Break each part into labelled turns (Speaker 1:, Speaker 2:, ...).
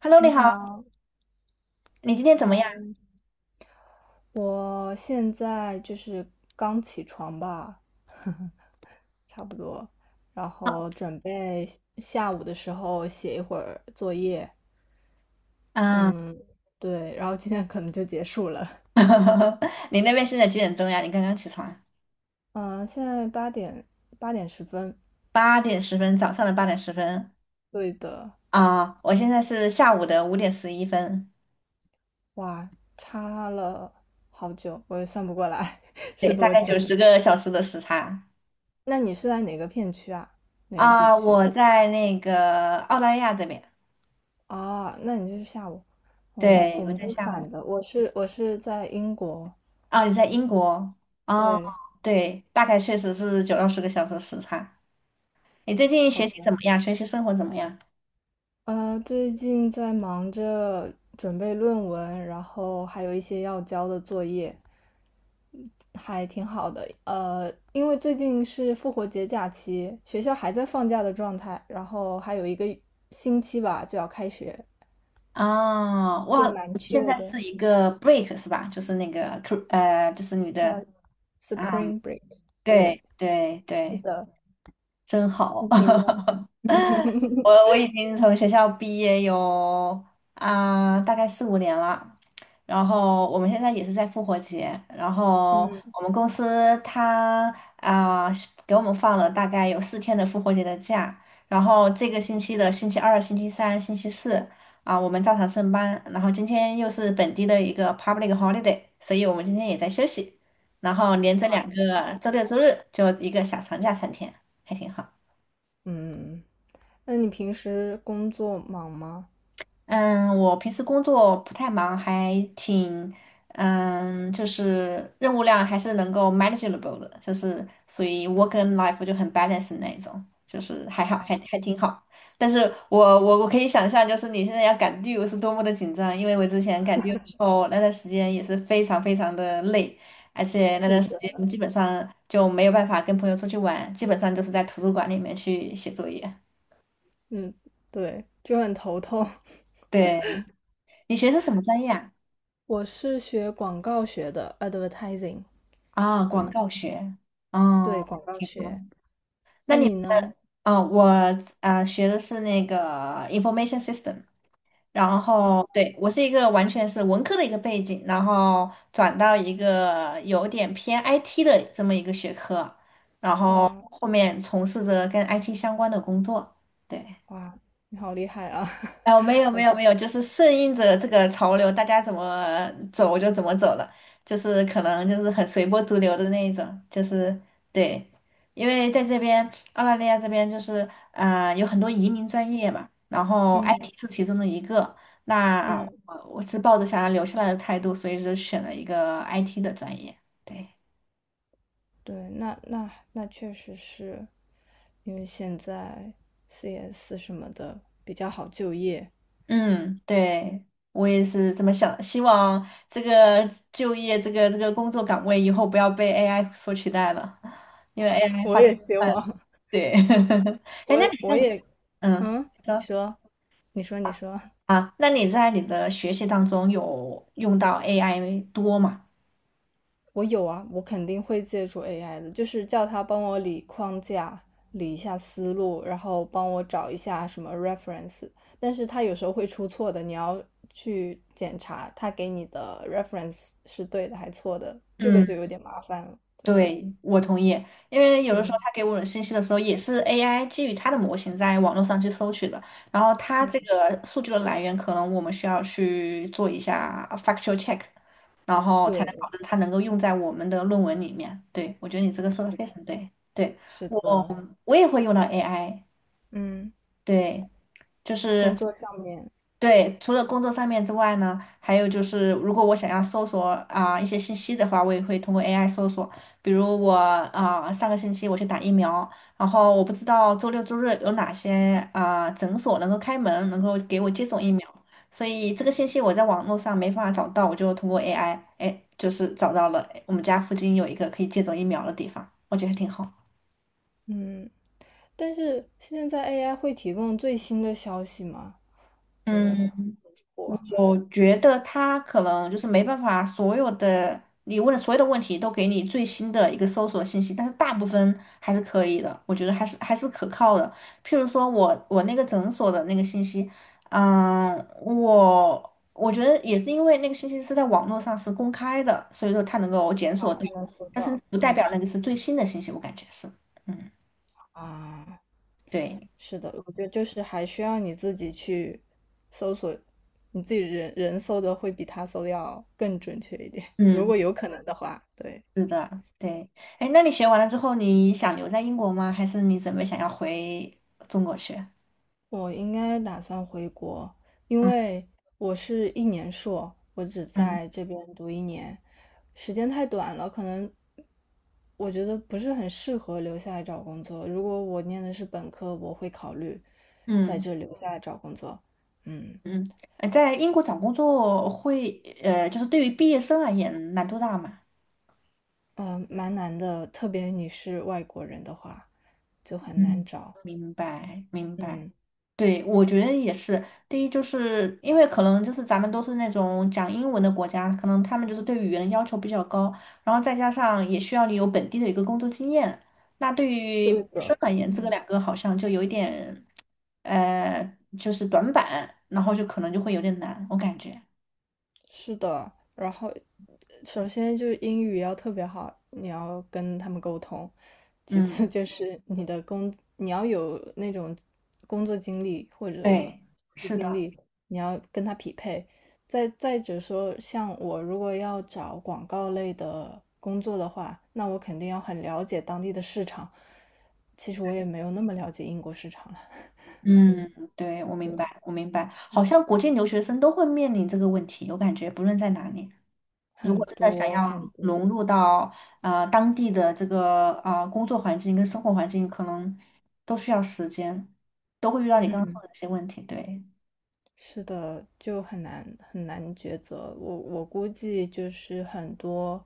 Speaker 1: Hello，你
Speaker 2: 你
Speaker 1: 好，
Speaker 2: 好，
Speaker 1: 你今天怎么样
Speaker 2: 嗨，我现在就是刚起床吧，差不多，然后准备下午的时候写一会儿作业。
Speaker 1: 啊？
Speaker 2: 嗯，对，然后今天可能就结束了。
Speaker 1: 你那边现在几点钟呀？你刚刚起床？
Speaker 2: 嗯，现在八点十分，
Speaker 1: 八点十分，早上的八点十分
Speaker 2: 对的。
Speaker 1: 啊，我现在是下午的5:11，
Speaker 2: 哇，差了好久，我也算不过来
Speaker 1: 对，
Speaker 2: 是
Speaker 1: 大
Speaker 2: 多
Speaker 1: 概
Speaker 2: 久。
Speaker 1: 90个小时的时差
Speaker 2: 那你是在哪个片区啊？哪个地
Speaker 1: 啊。
Speaker 2: 区？
Speaker 1: 我在那个澳大利亚这边，
Speaker 2: 啊，那你就是下午，我们
Speaker 1: 对，
Speaker 2: 我
Speaker 1: 我
Speaker 2: 们
Speaker 1: 在
Speaker 2: 就是
Speaker 1: 下午
Speaker 2: 反的。我是在英国，
Speaker 1: 哦，你在英国哦，
Speaker 2: 对，
Speaker 1: 对，大概确实是9到10个小时时差。你最近
Speaker 2: 好
Speaker 1: 学习怎
Speaker 2: 的。
Speaker 1: 么样？学习生活怎么样？
Speaker 2: 最近在忙着准备论文，然后还有一些要交的作业，还挺好的。因为最近是复活节假期，学校还在放假的状态，然后还有一个星期吧就要开学，
Speaker 1: 啊，
Speaker 2: 就
Speaker 1: 哇，
Speaker 2: 蛮
Speaker 1: 现
Speaker 2: chill
Speaker 1: 在
Speaker 2: 的。
Speaker 1: 是一个 break 是吧？就是那个 就是你的，
Speaker 2: 呃
Speaker 1: 嗯，
Speaker 2: ，Spring Break,
Speaker 1: 对
Speaker 2: 对，
Speaker 1: 对
Speaker 2: 是
Speaker 1: 对，
Speaker 2: 的。
Speaker 1: 真好。
Speaker 2: 你呢？
Speaker 1: 我 我已经从学校毕业有大概四五年了，然后我们现在也是在复活节，然后
Speaker 2: 嗯
Speaker 1: 我们公司它是给我们放了大概有4天的复活节的假，然后这个星期的星期二、星期三、星期四我们照常上班，然后今天又是本地的一个 public holiday，所以我们今天也在休息，然后连着两个周六周日就一个小长假3天，还挺好。
Speaker 2: 嗯。那你平时工作忙吗？
Speaker 1: 嗯，我平时工作不太忙，还挺，嗯，就是任务量还是能够 manageable 的，就是所以 work and life 就很 balance 那一种，就是还好，还挺好。但是我可以想象，就是你现在要赶 due 是多么的紧张，因为我之前赶 due 的时候，那段时间也是非常非常的累，而且那
Speaker 2: 是，
Speaker 1: 段时间基本上就没有办法跟朋友出去玩，基本上就是在图书馆里面去写作业。
Speaker 2: 嗯，对，就很头痛。
Speaker 1: 对，你学的是什么专业啊？
Speaker 2: 我是学广告学的，advertising,
Speaker 1: 啊，广
Speaker 2: 嗯，
Speaker 1: 告学，
Speaker 2: 对，
Speaker 1: 嗯，
Speaker 2: 广告
Speaker 1: 挺好。
Speaker 2: 学。
Speaker 1: 那
Speaker 2: 那
Speaker 1: 你，
Speaker 2: 你呢？
Speaker 1: 哦，我学的是那个information system，然
Speaker 2: 啊，
Speaker 1: 后对我是一个完全是文科的一个背景，然后转到一个有点偏 IT 的这么一个学科，然后
Speaker 2: 哇
Speaker 1: 后面从事着跟 IT 相关的工作。对。
Speaker 2: 哇，你好厉害啊！
Speaker 1: 哦，没 有
Speaker 2: 好，
Speaker 1: 没有没有，就是顺应着这个潮流，大家怎么走就怎么走了，就是可能就是很随波逐流的那一种，就是对，因为在这边澳大利亚这边就是有很多移民专业嘛，然后
Speaker 2: 嗯
Speaker 1: IT 是其中的一个，那
Speaker 2: 嗯，
Speaker 1: 我是抱着想要留下来的态度，所以就选了一个 IT 的专业，对。
Speaker 2: 对，那确实是，因为现在 CS 什么的比较好就业。
Speaker 1: 嗯，对，我也是这么想，希望这个就业这个这个工作岗位以后不要被 AI 所取代了，因为 AI
Speaker 2: 我
Speaker 1: 发展
Speaker 2: 也希
Speaker 1: 快了。
Speaker 2: 望，
Speaker 1: 对，哎，那
Speaker 2: 我
Speaker 1: 你
Speaker 2: 我
Speaker 1: 在，
Speaker 2: 也，
Speaker 1: 嗯，
Speaker 2: 嗯，你
Speaker 1: 说
Speaker 2: 说，你说，你说。
Speaker 1: 啊，那你在你的学习当中有用到 AI 多吗？
Speaker 2: 我有啊，我肯定会借助 AI 的，就是叫他帮我理框架、理一下思路，然后帮我找一下什么 reference。但是他有时候会出错的，你要去检查他给你的 reference 是对的还错的，这个
Speaker 1: 嗯。
Speaker 2: 就有点麻烦了。对，
Speaker 1: 对，我同意，因为有的时候
Speaker 2: 嗯
Speaker 1: 他给我的信息的时候，也是 AI 基于它的模型在网络上去搜取的，然后它这
Speaker 2: 嗯，
Speaker 1: 个数据的来源，可能我们需要去做一下 factual check，然后才能
Speaker 2: 对，
Speaker 1: 保证它能够用在我们的论文里面。对，我觉得你这个说的非常对，对，
Speaker 2: 是
Speaker 1: 我
Speaker 2: 的，
Speaker 1: 我也会用到 AI，
Speaker 2: 嗯，
Speaker 1: 对。就是
Speaker 2: 工作上面，
Speaker 1: 对，除了工作上面之外呢，还有就是，如果我想要搜索一些信息的话，我也会通过 AI 搜索。比如我上个星期我去打疫苗，然后我不知道周六周日有哪些诊所能够开门，能够给我接种疫苗，所以这个信息我在网络上没办法找到，我就通过 AI，哎，就是找到了我们家附近有一个可以接种疫苗的地方，我觉得挺好。
Speaker 2: 嗯，但是现在 AI 会提供最新的消息吗？呃，
Speaker 1: 嗯。
Speaker 2: 我
Speaker 1: 我觉得他可能就是没办法，所有的你问的所有的问题都给你最新的一个搜索信息，但是大部分还是可以的，我觉得还是可靠的。譬如说我那个诊所的那个信息，嗯，我觉得也是因为那个信息是在网络上是公开的，所以说它能够检索到，
Speaker 2: 他能收
Speaker 1: 但是
Speaker 2: 到，
Speaker 1: 不代表
Speaker 2: 嗯。
Speaker 1: 那个是最新的信息，我感觉是，嗯，
Speaker 2: 啊，
Speaker 1: 对，
Speaker 2: 是的，我觉得就是还需要你自己去搜索，你自己人搜的会比他搜的要更准确一点，如
Speaker 1: 嗯。
Speaker 2: 果有可能的话。对，
Speaker 1: 是的，对。哎，那你学完了之后，你想留在英国吗？还是你准备想要回中国去？
Speaker 2: 我应该打算回国，因
Speaker 1: 嗯
Speaker 2: 为我是一年硕，我只
Speaker 1: 嗯
Speaker 2: 在这边读一年，时间太短了，可能我觉得不是很适合留下来找工作。如果我念的是本科，我会考虑在
Speaker 1: 嗯
Speaker 2: 这留下来找工作。嗯，
Speaker 1: 嗯。在英国找工作会，就是对于毕业生而言，难度大吗？
Speaker 2: 嗯，蛮难的，特别你是外国人的话，就很难
Speaker 1: 嗯，
Speaker 2: 找。
Speaker 1: 明白明白。
Speaker 2: 嗯，
Speaker 1: 对，我觉得也是。第一，就是因为可能就是咱们都是那种讲英文的国家，可能他们就是对语言的要求比较高，然后再加上也需要你有本地的一个工作经验。那对于毕
Speaker 2: 对
Speaker 1: 业生
Speaker 2: 的，
Speaker 1: 而言，这个
Speaker 2: 嗯。
Speaker 1: 两个好像就有一点，呃，就是短板，然后就可能就会有点难，我感觉。
Speaker 2: 是的，然后首先就是英语要特别好，你要跟他们沟通；其次
Speaker 1: 嗯，
Speaker 2: 就 是你的工，你要有那种工作经历或者
Speaker 1: 对，
Speaker 2: 实习
Speaker 1: 是
Speaker 2: 经
Speaker 1: 的，
Speaker 2: 历，你要跟他匹配。再者说，像我如果要找广告类的工作的话，那我肯定要很了解当地的市场。其实我也没有那么了解英国市场了。嗯，
Speaker 1: 嗯，对，我明白，我明白。好
Speaker 2: 嗯
Speaker 1: 像国际留学生都会面临这个问题，我感觉不论在哪里。如果
Speaker 2: 很
Speaker 1: 真的想
Speaker 2: 多
Speaker 1: 要
Speaker 2: 很多。
Speaker 1: 融入到当地的这个工作环境跟生活环境，可能都需要时间，都会遇到你刚刚说
Speaker 2: 嗯，
Speaker 1: 的这些问题。对，
Speaker 2: 是的，就很难很难抉择。我估计就是很多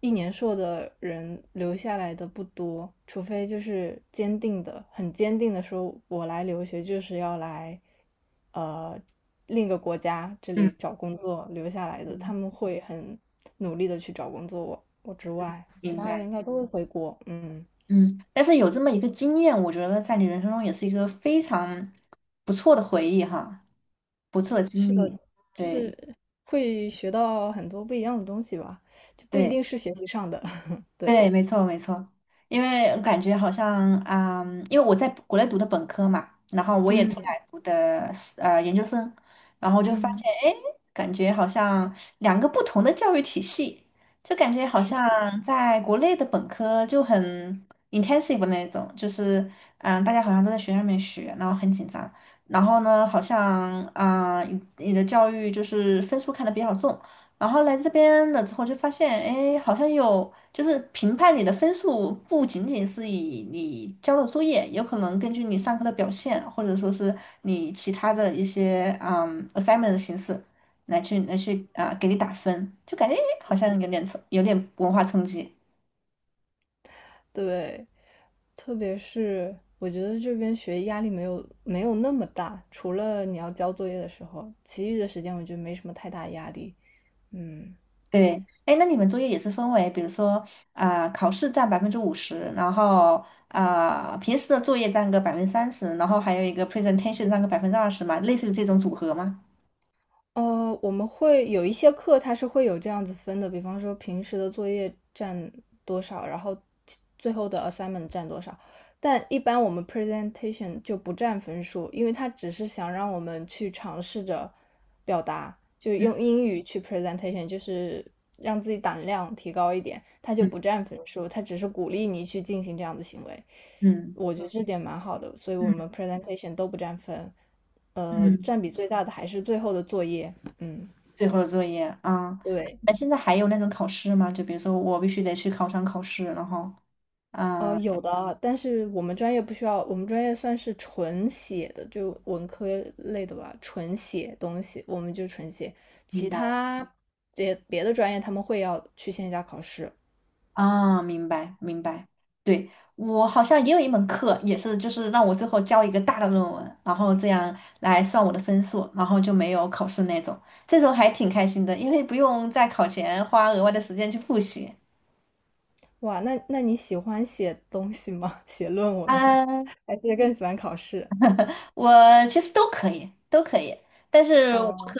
Speaker 2: 一年硕的人留下来的不多，除非就是坚定的、很坚定的说，我来留学就是要来，呃，另一个国家这
Speaker 1: 嗯
Speaker 2: 里找工作留下来的，他
Speaker 1: 嗯，
Speaker 2: 们会很努力的去找工作。我之外，其
Speaker 1: 明
Speaker 2: 他人
Speaker 1: 白。
Speaker 2: 应该都会回国。嗯，
Speaker 1: 嗯，但是有这么一个经验，我觉得在你人生中也是一个非常不错的回忆哈，不错的经
Speaker 2: 是的，
Speaker 1: 历。
Speaker 2: 就是
Speaker 1: 对
Speaker 2: 会学到很多不一样的东西吧，就不一
Speaker 1: 对。
Speaker 2: 定是学习上的。对，
Speaker 1: 对，没错没错，因为感觉好像因为我在国内读的本科嘛，然后我也出来
Speaker 2: 嗯
Speaker 1: 读的研究生，然后就发
Speaker 2: 嗯，
Speaker 1: 现，哎，感觉好像两个不同的教育体系，就感觉好像
Speaker 2: 是，
Speaker 1: 在国内的本科就很 intensive 的那种，就是大家好像都在学校里面学，然后很紧张，然后呢，好像你的教育就是分数看得比较重。然后来这边了之后就发现，哎，好像有，就是评判你的分数不仅仅是以你交的作业，有可能根据你上课的表现，或者说是你其他的一些assignment 的形式来去给你打分，就感觉诶好像有点文化冲击。
Speaker 2: 对，特别是我觉得这边学压力没有那么大，除了你要交作业的时候，其余的时间我觉得没什么太大压力。嗯，
Speaker 1: 对，哎，那你们作业也是分为，比如说考试占50%，然后平时的作业占个30%，然后还有一个 presentation 占个20%嘛，类似于这种组合吗？
Speaker 2: 我们会有一些课，它是会有这样子分的，比方说平时的作业占多少，然后最后的 assignment 占多少。但一般我们 presentation 就不占分数，因为它只是想让我们去尝试着表达，就是用英语去 presentation,就是让自己胆量提高一点，它就不
Speaker 1: 嗯
Speaker 2: 占分数，它只是鼓励你去进行这样的行为。
Speaker 1: 嗯
Speaker 2: 我觉得这点蛮好的，所以我
Speaker 1: 嗯
Speaker 2: 们 presentation 都不占分，
Speaker 1: 嗯，
Speaker 2: 占比最大的还是最后的作业。嗯，
Speaker 1: 最后的作业啊，
Speaker 2: 对，
Speaker 1: 那现在还有那种考试吗？就比如说我必须得去考场考试，然后，嗯，
Speaker 2: 有的啊但是我们专业不需要，我们专业算是纯写的，就文科类的吧，纯写东西，我们就纯写。
Speaker 1: 明
Speaker 2: 其
Speaker 1: 白
Speaker 2: 他别的专业他们会要去线下考试。
Speaker 1: 啊，明白明白。对，我好像也有一门课，也是就是让我最后交一个大的论文，然后这样来算我的分数，然后就没有考试那种，这种还挺开心的，因为不用在考前花额外的时间去复习。
Speaker 2: 哇，那你喜欢写东西吗？写论文吗？
Speaker 1: 嗯，
Speaker 2: 还是更喜欢考试？
Speaker 1: 我其实都可以，都可以。但是
Speaker 2: 哦，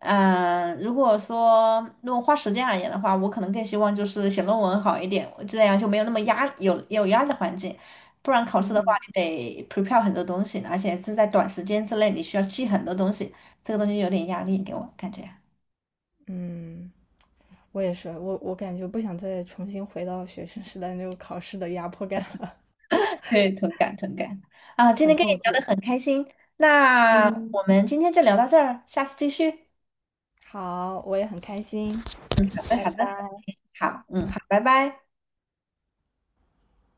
Speaker 1: 嗯，如果花时间而言的话，我可能更希望就是写论文好一点，这样就没有那么有压力的环境。不然考试的话，
Speaker 2: 嗯。
Speaker 1: 你得 prepare 很多东西，而且是在短时间之内，你需要记很多东西，这个东西有点压力给我感觉。
Speaker 2: 嗯，我也是，我感觉不想再重新回到学生时代那种考试的压迫感了，
Speaker 1: 对，同感同感。啊，今
Speaker 2: 很
Speaker 1: 天跟你
Speaker 2: 痛
Speaker 1: 聊得
Speaker 2: 苦。
Speaker 1: 很开心，那我
Speaker 2: 嗯，
Speaker 1: 们今天就聊到这儿，下次继续。
Speaker 2: 好，我也很开心，
Speaker 1: 嗯，好的
Speaker 2: 拜
Speaker 1: 好的，
Speaker 2: 拜。
Speaker 1: 好，嗯好，拜拜。